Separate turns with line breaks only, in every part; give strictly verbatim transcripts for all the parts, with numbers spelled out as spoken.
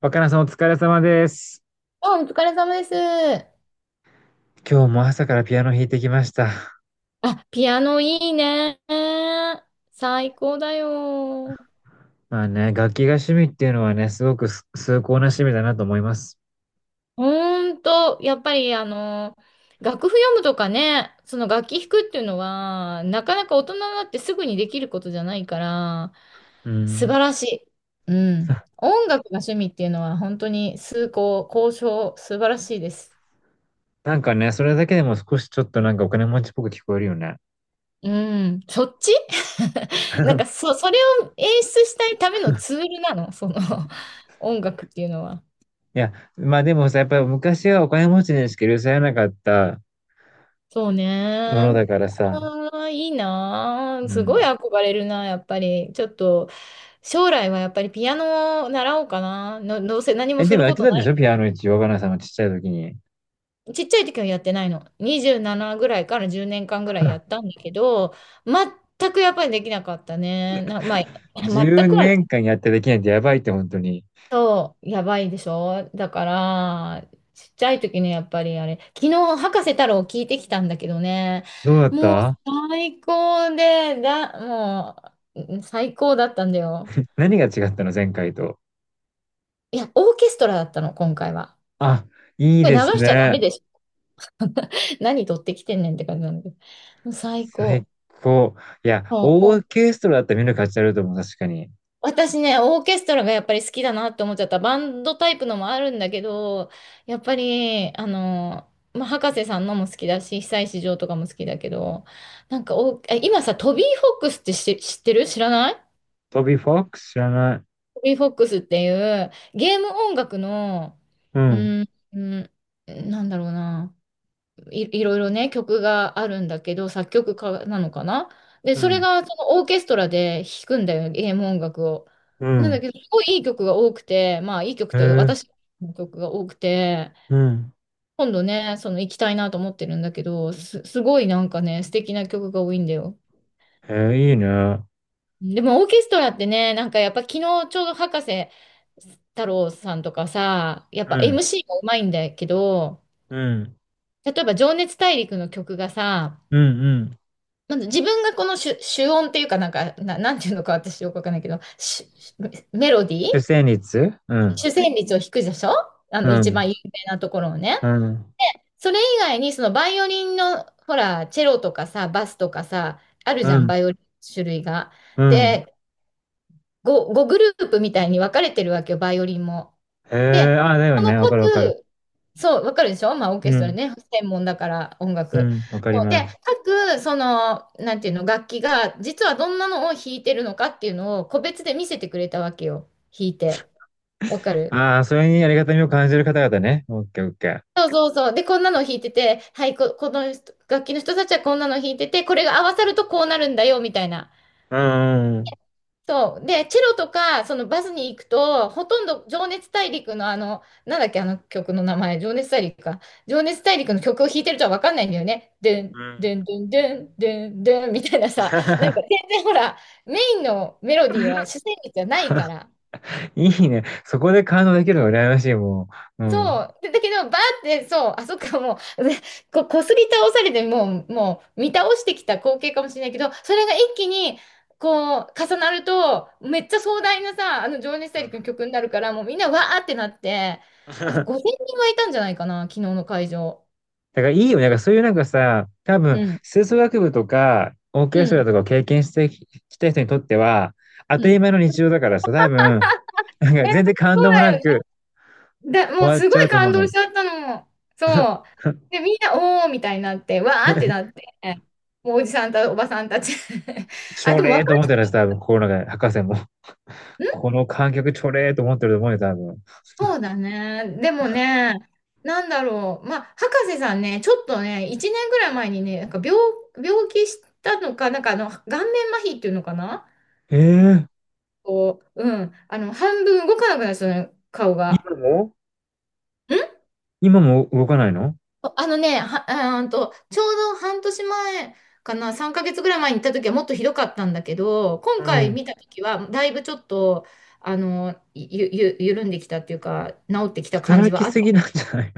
若菜さんお疲れ様です。
あ、お疲れ様です。
今日も朝からピアノ弾いてきました。
あ、ピアノいいね。最高だよ。
まあね、楽器が趣味っていうのはね、すごくす崇高な趣味だなと思います。
ほんと、やっぱりあの、楽譜読むとかね、その楽器弾くっていうのは、なかなか大人になってすぐにできることじゃないから、
う
素
ん。
晴らしい。うん。音楽が趣味っていうのは本当に崇高、高尚、素晴らしいです。
なんかね、それだけでも少しちょっとなんかお金持ちっぽく聞こえるよね。
うん。そっち。 なんか そ、それを演出したいためのツールなの、その、 音楽っていうのは。
いや、まあでもさ、やっぱり昔はお金持ちにしか許されなかった
そう
もの
ね。
だからさ。
ああ、いいなあ。
う
すごい
ん。
憧れるな、やっぱり。ちょっと、将来はやっぱりピアノを習おうかな。の、どうせ何も
え、
す
でも
る
やっ
こ
て
と
たん
な
でし
い。
ょピアノ一応、若菜さんのちっちゃい時に。
ちっちゃい時はやってないの。にじゅうななぐらいからじゅうねんかんぐらいやっ たんだけど、全くやっぱりできなかったね。な、まあ、全
10
く
年
は。
間やってできないってやばいって本当に。
そう、やばいでしょだから、ちっちゃい時ね、やっぱりあれ、昨日、博士太郎聞いてきたんだけどね、
どうだっ
もう
た？
最高で、だ、もう、うん最高だったんだよ。
何が違ったの前回と？
いや、オーケストラだったの、今回は。
あ、いい
これ
で
流
す
しちゃダ
ね。
メでしょ。何撮ってきてんねんって感じなんだけど。もう最
最
高。
高。いや、
そ
オー
う、
ケストラだったら見る価値あると思う、確かに。
私ね、オーケストラがやっぱり好きだなって思っちゃった。バンドタイプのもあるんだけど、やっぱり、あの、まあ、博士さんのも好きだし、久石譲とかも好きだけど、なんかお、え今さ、トビー・フォックスって知、知ってる知らない？
トビー・フォックス知らない。
トビー・フォックスっていうゲーム音楽の、
う
う
ん、
ーん、うん、なんだろうな。い、いろいろね、曲があるんだけど、作曲家なのかな。で、
う
それ
ん、
がそのオーケストラで弾くんだよ、ゲーム音楽を。
う
なんだ
ん。
けど、すごいいい曲が多くて、まあいい曲っ
へ
て
え、
私の曲が多くて、
うん。
今度ね、その行きたいなと思ってるんだけど、す、すごいなんかね、素敵な曲が多いんだよ。
へえ、いいね。うん、
でもオーケストラってね、なんかやっぱ昨日ちょうど博士太郎さんとかさ、やっぱ エムシー もうまいんだけど、
うん、
例えば情熱大陸の曲がさ、
うん、うん。
まず自分がこの主、主音っていうかなんか、な、なんていうのか私よくわかんないけど、しメロディー
出生率うん、
主旋律を弾くでしょ、あ
う
の一
ん、
番有名なところをね。
うん、
それ以外にそのバイオリンのほら、チェロとかさ、バスとかさ、ある
う
じゃん、
ん、
バイオリンの種類が。
うん。
で、ご、ごグループみたいに分かれてるわけよ、バイオリンも。
へ
で、
え、あ、だよ
この
ね。わかるわかる。
各そう、わかるでしょ、まあ、オー
う
ケストラ
ん、
ね、専門だから音
う
楽。
ん、わかり
そうで、
ます。
各、その、なんていうの、楽器が、実はどんなのを弾いてるのかっていうのを、個別で見せてくれたわけよ、弾いて。わかる？
ああ、それにありがたみを感じる方々ね。オッケーオッケー。
そうそうそう。で、こんなの弾いてて、はい、こ、この人楽器の人たちはこんなの弾いてて、これが合わさるとこうなるんだよ、みたいな。
うん、うん、
そう。で、チェロとか、そのバスに行くと、ほとんど情熱大陸のあの、なんだっけ、あの曲の名前、情熱大陸か。情熱大陸の曲を弾いてるとは分かんないんだよね。で
う
ん、で
ん。
ん、でん、でん、でん、でん、みたいなさ、なんか全然ほら、メインのメロディーは 主旋律じゃないから、
いいね。そこで感動できるの羨ましい、もう。う
そ
ん。
う。でだけど、バーって、そう、あ、そっか、もう、でこ、こすり倒されて、もう、もう、見倒してきた光景かもしれないけど、それが一気に、こう、重なると、めっちゃ壮大なさ、あの、情熱
う
大
ん
陸の曲になるから、もうみんなわーってなって、あごせんにんはいたんじゃないかな、昨日の会場。
だからいいよ。なんかそういうなんかさ、多分、
うん。
吹奏楽部とか、オー
う
ケストラ
ん。
とかを経験してききた人にとっては、当
う
たり
ん。
前の日常だからさ、多分、なんか
えー
全然感
そ
動
う
もな
だよ
く
ね。だ、もう
終わっ
す
ち
ご
ゃう
い
と思う
感動
の。
しちゃったの。そう。で、みんな、おーみたいになって、わーってなって、もうおじさんたおばさんたち
ち
あ、
ょ
でも
れー
若
と
い
思ってるやつ、
人
多分、心の中で、博士も。
ん、
この観客ちょれーと思ってると思うよ、多分。
そうだね。でもね、なんだろう。まあ、博士さんね、ちょっとね、いちねんぐらい前にね、なんか病、病気したのか、なんかあの、顔面麻痺っていうのかな。
ええ、
こう、うん。あの、半分動かなくなるんですよね、顔が。
今も？
ん、
今も動かないの？
あのね、は、あーんと、ちょうど半年前かな、さんかげつぐらい前に行った時はもっとひどかったんだけど、
う
今回
ん。
見た時は、だいぶちょっと、あの、ゆ、ゆ、緩んできたっていうか、治ってきた感じ
働
は
き
あっ
すぎな
た。
んじゃない？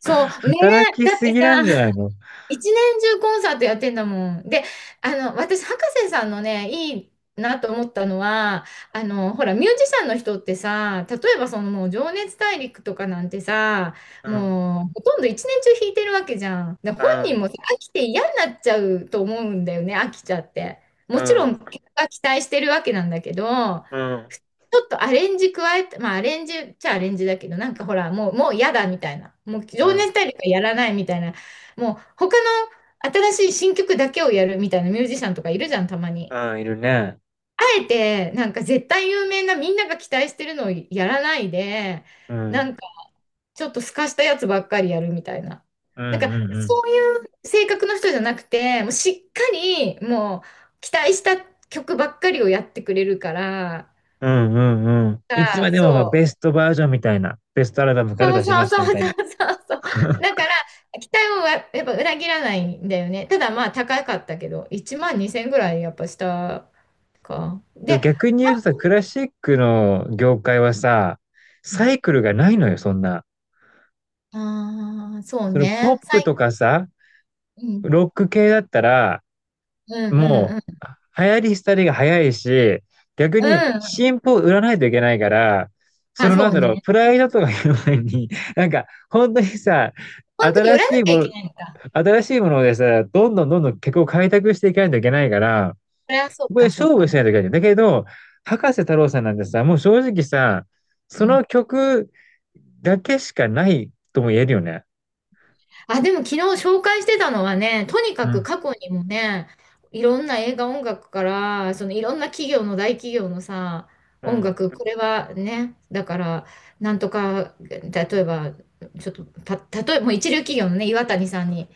そう、ね。
働き
えだっ
す
て
ぎなんじゃ
さ、
ないの？
一年中コンサートやってんだもん。で、あの、私、博士さんのね、いいなと思ったのは、あの、ほら、ミュージシャンの人ってさ、例えばそのもう、情熱大陸とかなんてさ、
うん、
もう、ほとんど一年中弾いてるわけじゃん。で、本
う
人
ん、
もさ飽きて嫌になっちゃうと思うんだよね、飽きちゃって。
う
もちろ
ん、
ん、結果期待してるわけなんだけど、
うん、
ふちょっとアレンジ加えて、まあアレンジっちゃアレンジだけど、なんかほら、もう、もう嫌だみたいな。もう
う
情
ん、
熱大陸はやらないみたいな。もう他の新しい新曲だけをやるみたいなミュージシャンとかいるじゃん、たまに。
うん、いるね。
あえて、なんか絶対有名なみんなが期待してるのをやらないで、
う
な
ん、
んかちょっとすかしたやつばっかりやるみたいな。
うん、
なんか
うん、うん。
そういう性格の人じゃなくて、もうしっかりもう期待した曲ばっかりをやってくれるから、
うん、うん、うん。いつ
あ
まで
そ
もまあベ
う。
ストバージョンみたいな。ベストアルバムから
そう
出しま
そう
した
そ
みた
う
い
そ
な。
うそうそう。だから、期待をややっぱ裏切らないんだよね。ただまあ高かったけど、いちまんにせんえんぐらいやっぱしたか。
でも
で、
逆に言うとさ、クラシックの業界はさ、サイクルがないのよ、そんな。
ああー、そう
そのポ
ね。
ップ
最、
とかさ、
うん、
ロック系だったら、
うん、うん、
も
うん。
う、流行り廃りが早いし、逆
う
に
ん。
新譜を売らないといけないから、そ
あ、
のな
そ
ん
う
だろう、
ね。
プライドとかいう前に、なんか、本当にさ、
本当に売
新
らな
しい
き
も
ゃい
の、
けないのか。
新しいものでさ、どんどんどんどん曲を開拓していかないといけないから、
それはそう
ここで
か、そ
勝
う
負し
か。
ないといけない。んだよだけど、博士太郎さんなんてさ、もう正直さ、
う
そ
ん、
の曲だけしかないとも言えるよね。
あ、でも昨日紹介してたのはね、とに
う
かく
ん。
過去にもね、いろんな映画音楽から、そのいろんな企業の大企業のさ、
う
音
ん。
楽、これはね、だから、なんとか、例えば、ちょっと、た、例えば、もう一流企業のね、岩谷さんに、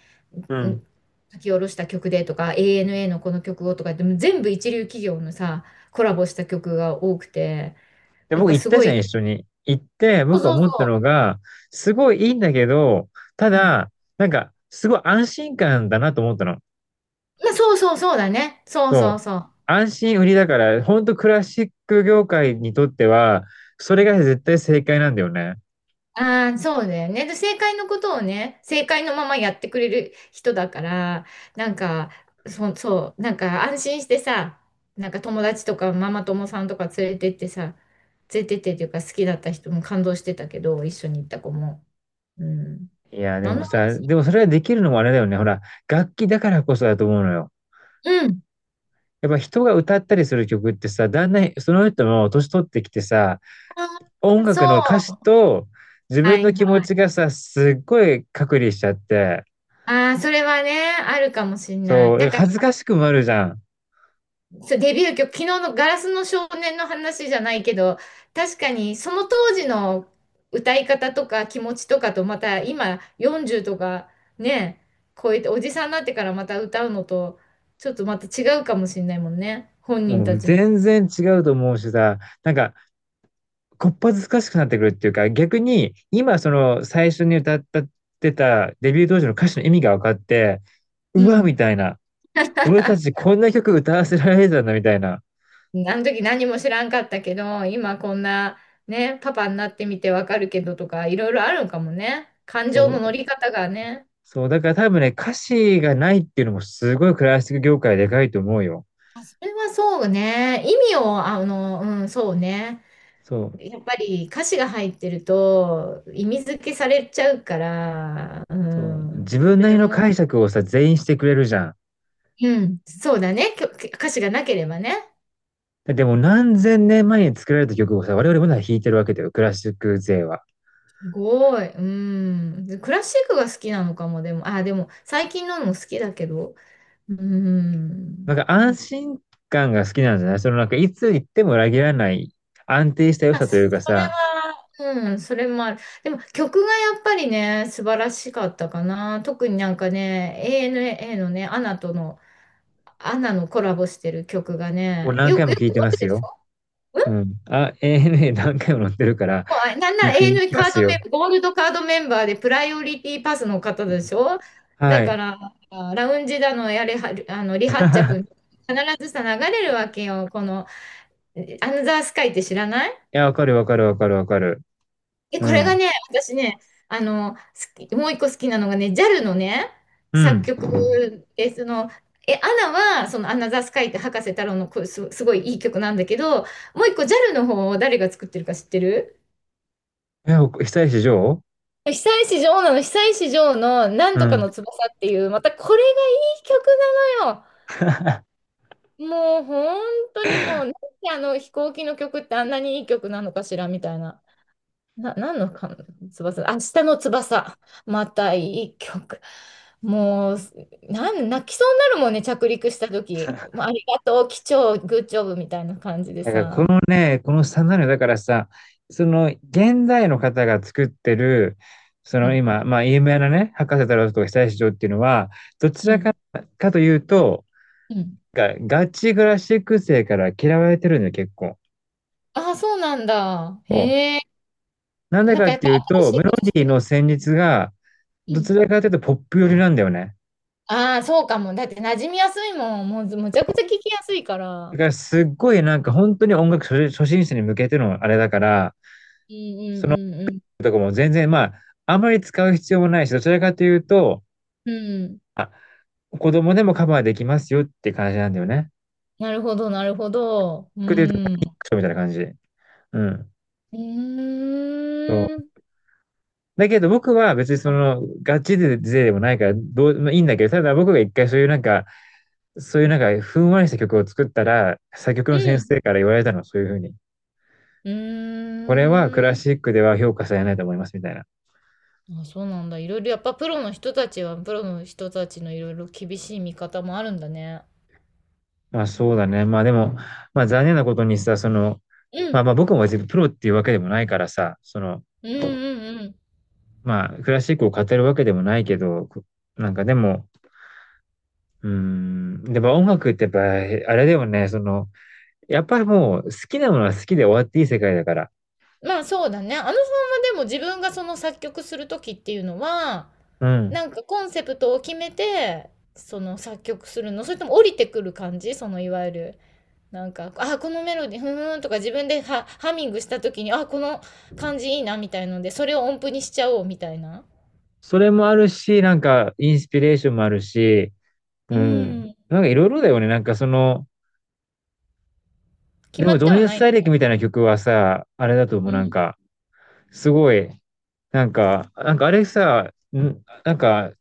う
うん、
ん
書き下ろした曲でとか、エーエヌエー のこの曲をとか言って、もう全部一流企業のさ、コラボした曲が多くて、
で、
やっ
僕
ぱ
行っ
す
た
ご
じゃん、
い、
一緒に。行って、
そう
僕が
そう
思ったの
そ
が、すごいいいんだけど、た
う、うん、
だ、なんか、すごい安心感だなと思ったの。
まあ、そうそうそうだね、そう
そう。
そうそう。
安心売りだから、ほんとクラシック業界にとっては、それが絶対正解なんだよね。
ああ、そうだよね。で、正解のことをね、正解のままやってくれる人だから、なんか、そ、そう、なんか安心してさ、なんか友達とかママ友さんとか連れてってさ、連れてってっていうか好きだった人も感動してたけど、一緒に行った子も。うん。
いや、で
何
も
の
さ、
話？
でもそれができるのもあれだよね。ほら、楽器だからこそだと思うのよ。
うん。
やっぱ人が歌ったりする曲ってさ、だんだんその人も年取ってきてさ、
あ
音
あ、そ
楽の歌詞
う。
と自
は
分の
い
気持
はい。
ちがさ、すっごい隔離しちゃって、
ああ、それはね、あるかもしんな
そ
い。
う、だか
だ
ら
か
恥ず
ら
かしくもあるじゃん。
そうデビュー曲、昨日のガラスの少年の話じゃないけど、確かにその当時の歌い方とか気持ちとかとまた今よんじゅうとかね、超えておじさんになってからまた歌うのとちょっとまた違うかもしれないもんね。本人
も
た
う
ちも。
全然違うと思うしさ、なんか、こっぱずかしくなってくるっていうか、逆に、今、その、最初に歌ったってた、デビュー当時の歌詞の意味が分かって、
う
うわ、
ん。
みたいな。俺たち こんな曲歌わせられてたんだ、みたいな。
あの時何も知らんかったけど、今こんなね、パパになってみてわかるけどとかいろいろあるんかもね。感
そ
情
う、
の乗り方がね。
そう、だから多分ね、歌詞がないっていうのもすごいクラシック業界でかいと思うよ。
あ、それはそうね。意味を、あの、うん、そうね。
そう、
やっぱり歌詞が入ってると意味付けされちゃうから、う
そう。
ん、
自
そ
分な
れ
りの
も、
解釈をさ、全員してくれるじゃん。
うん、そうだね、きょ歌詞がなければね。
でも何千年前に作られた曲をさ、我々まだ弾いてるわけだよ、クラシック勢は。
すごい、うん。クラシックが好きなのかも、でも、あ、でも最近のも好きだけど、うん。
なんか安
な
心感が好きなんじゃない？そのなんかいつ行っても裏切らない安定した良
あ
さというか
それ
さ、
は、うん、それもある。でも曲がやっぱりね、素晴らしかったかな。特になんかね、エーエヌエー のね、アナとの、アナのコラボしてる曲が
もう
ね、
何
よ、
回
く
も
よ
聴い
く
て
あ
ま
る
す
でし
よ。
ょ？うん。
うん。あ、エーエヌエー 何回も乗ってるから
もうなんな
聴い
ら永
てい
遠
ま
カー
す
ド
よ。
メンバー、ゴールドカードメンバーでプライオリティパスの方でしょ？だ
はい。
か
い
ら、あ、ラウンジだの、やれは、あの、離発着、必ずさ、流れるわけよ。この、アナザースカイって知らない？
や、わかるわかるわかるわかる。
え、
う
これが
ん。
ね、私ね、あの、好き、もう一個好きなのがね、ジャル のね、
う
作
ん。
曲で、その、え、アナは、その、アナザースカイって葉加瀬太郎のこす、すごいいい曲なんだけど、もう一個 ジャル の方を誰が作ってるか知ってる？
え、お久石譲？
久石譲なの、久石譲のなん
う
とか
ん。
の翼っていう、またこれがいい曲なのよ。もう本当にもう、なんであの飛行機の曲ってあんなにいい曲なのかしらみたいな。な、何のか、翼、明日の翼。またいい曲。もう、なん、泣きそうになるもんね、着陸した時。もうありがとう、機長、グッジョブみたいな感じで
だからこ
さ。
のね、このスタンダードだからさ、その現代の方が作ってる、そ
う
の
ん、
今、まあ、有名なね、博士太郎とか久石譲っていうのは、どち
う
ら
ん、
か、かというと、
うん。
がガチクラシック生から嫌われてるんだよ、結構。
ああ、そうなんだ。へえ。
なんで
なん
か
か
っ
やっ
て
ぱ
いうと、
新
メ
しい
ロ
ことし
ディ
て
ー
る。
の旋律が、どちらかというとポップ寄りなんだよね。
ああ、そうかも。だって馴染みやすいもん。もうずむちゃくちゃ聞きやすいか
だ
ら。
からすっごいなんか本当に音楽初初心者に向けてのあれだから、
うんう
その
んうん
とかも全然まあ、あまり使う必要もないし、どちらかというと、
うん。うん。
あ、子供でもカバーできますよって感じなんだよね。
なるほど、なるほど。うん。
クソみたいな感じ。うん。
う
そ
ー
う。
ん。
だけど僕は別にそ
あ、
の、ガチで勢でもないから、どう、まあ、いいんだけど、ただ僕が一回そういうなんか、そういうなんか、ふんわりした曲を作ったら、作曲
う
の先
ん。
生から言われたの、そういうふうに。
う
これは
ー
クラ
ん。
シックでは評価されないと思います、みたいな。
あ、そうなんだ。いろいろやっぱプロの人たちは、プロの人たちのいろいろ厳しい見方もあるんだね。
まあそうだね。まあでも、まあ残念なことにさ、その、
う
ま
ん。
あまあ僕も別にプロっていうわけでもないからさ、その、
うんうんうん。
まあクラシックを語るわけでもないけど、なんかでも、うーん。でも音楽ってやっぱ、あれだよね、その、やっぱりもう好きなものは好きで終わっていい世界だから。
まあ、そうだね。あのさんはでも自分がその作曲する時っていうのは、
うん。
なんかコンセプトを決めて、その作曲するの？それとも降りてくる感じ？そのいわゆる、なんか、あ、このメロディー、ふーんとか自分でハ、ハミングした時に、あ、この感じいいなみたいので、それを音符にしちゃおうみたいな。
それもあるし、なんかインスピレーションもあるし、
う
うん。
ん。
なんかいろいろだよね。なんかその、
決
で
ま
も
っ
情
てはな
熱
いの？
大陸みたいな曲はさ、あれだと思
う
う。なん
ん。
か、すごい、なんか、なんかあれさ、んなんか、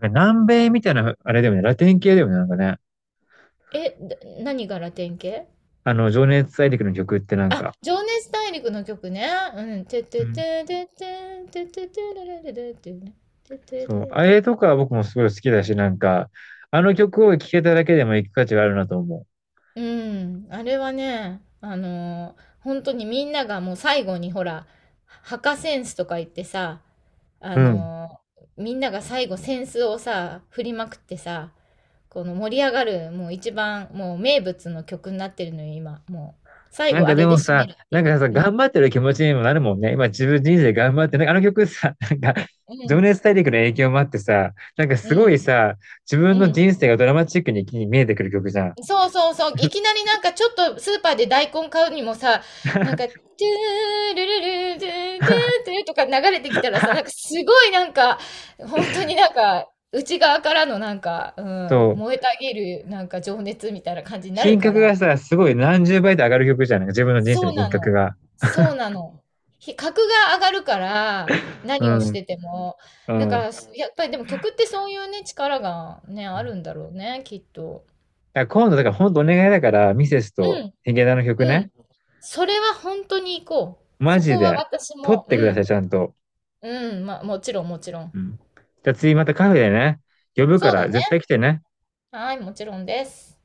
南米みたいな、あれだよね。ラテン系だよね。なんかね。
え、だ何がラテン系？
あの、情熱大陸の曲ってなん
あ、
か。
情熱大陸の曲ね。うん。て
う
て
ん
ててててててれれれれっていうね。ててて
そう、
て
あれ
て。
とか僕もすごい好きだし、なんか、あの曲を聴けただけでも行く価値があるなと思
うん。あれはね、あのー本当にみんながもう最後にほら、墓センスとか言ってさ、あ
う。うん。
のーみんなが最後センスをさ、振りまくってさ、この盛り上がる、もう一番、もう名物の曲になってるのよ、今。もう、最
なん
後
か
あ
で
れで
も
締め
さ、
るって
なん
いう。
かさ、
うん。
頑張ってる気持ちにもなるもんね。今自分人生頑張って、なんかあの曲さ、なんか、
う
情
ん。
熱大陸の影響もあってさ、なんか
う
すごい
ん。
さ、自
う
分の
ん。
人生がドラマチックに見えてくる曲じゃん。
そうそうそう。いきなりなんかちょっとスーパーで大根買うにもさ、なんか、トゥールルルトゥートゥート ゥーとか流れてきたらさ、なんかすごいなんか、本当になんか、内側からのなんか、うん、
そう。
燃えたぎるなんか情熱みたいな感じになる
品
か
格
ら。
がさ、すごい何十倍と上がる曲じゃん。なんか自分の人生
そ
の
う
品
な
格
の。
が。
そうなの。ひ格が上がるから、
う
何をし
ん。
てても。
う
だから、
ん。
やっぱりでも曲ってそういうね、力がね、あるんだろうね、きっと。
だから今度、だから本当お願いだから、ミセス
う
と
ん、
ヒゲダンの曲
う
ね。
ん。それは本当に行こう。
マ
そ
ジ
こは
で。
私
取っ
も、
てく
う
ださ
ん、
い、ちゃんと。
うん、まあ、もちろん、もちろん。
うん。じゃあ次またカフェでね、呼ぶか
そう
ら
だね。
絶対来てね。
はい、もちろんです。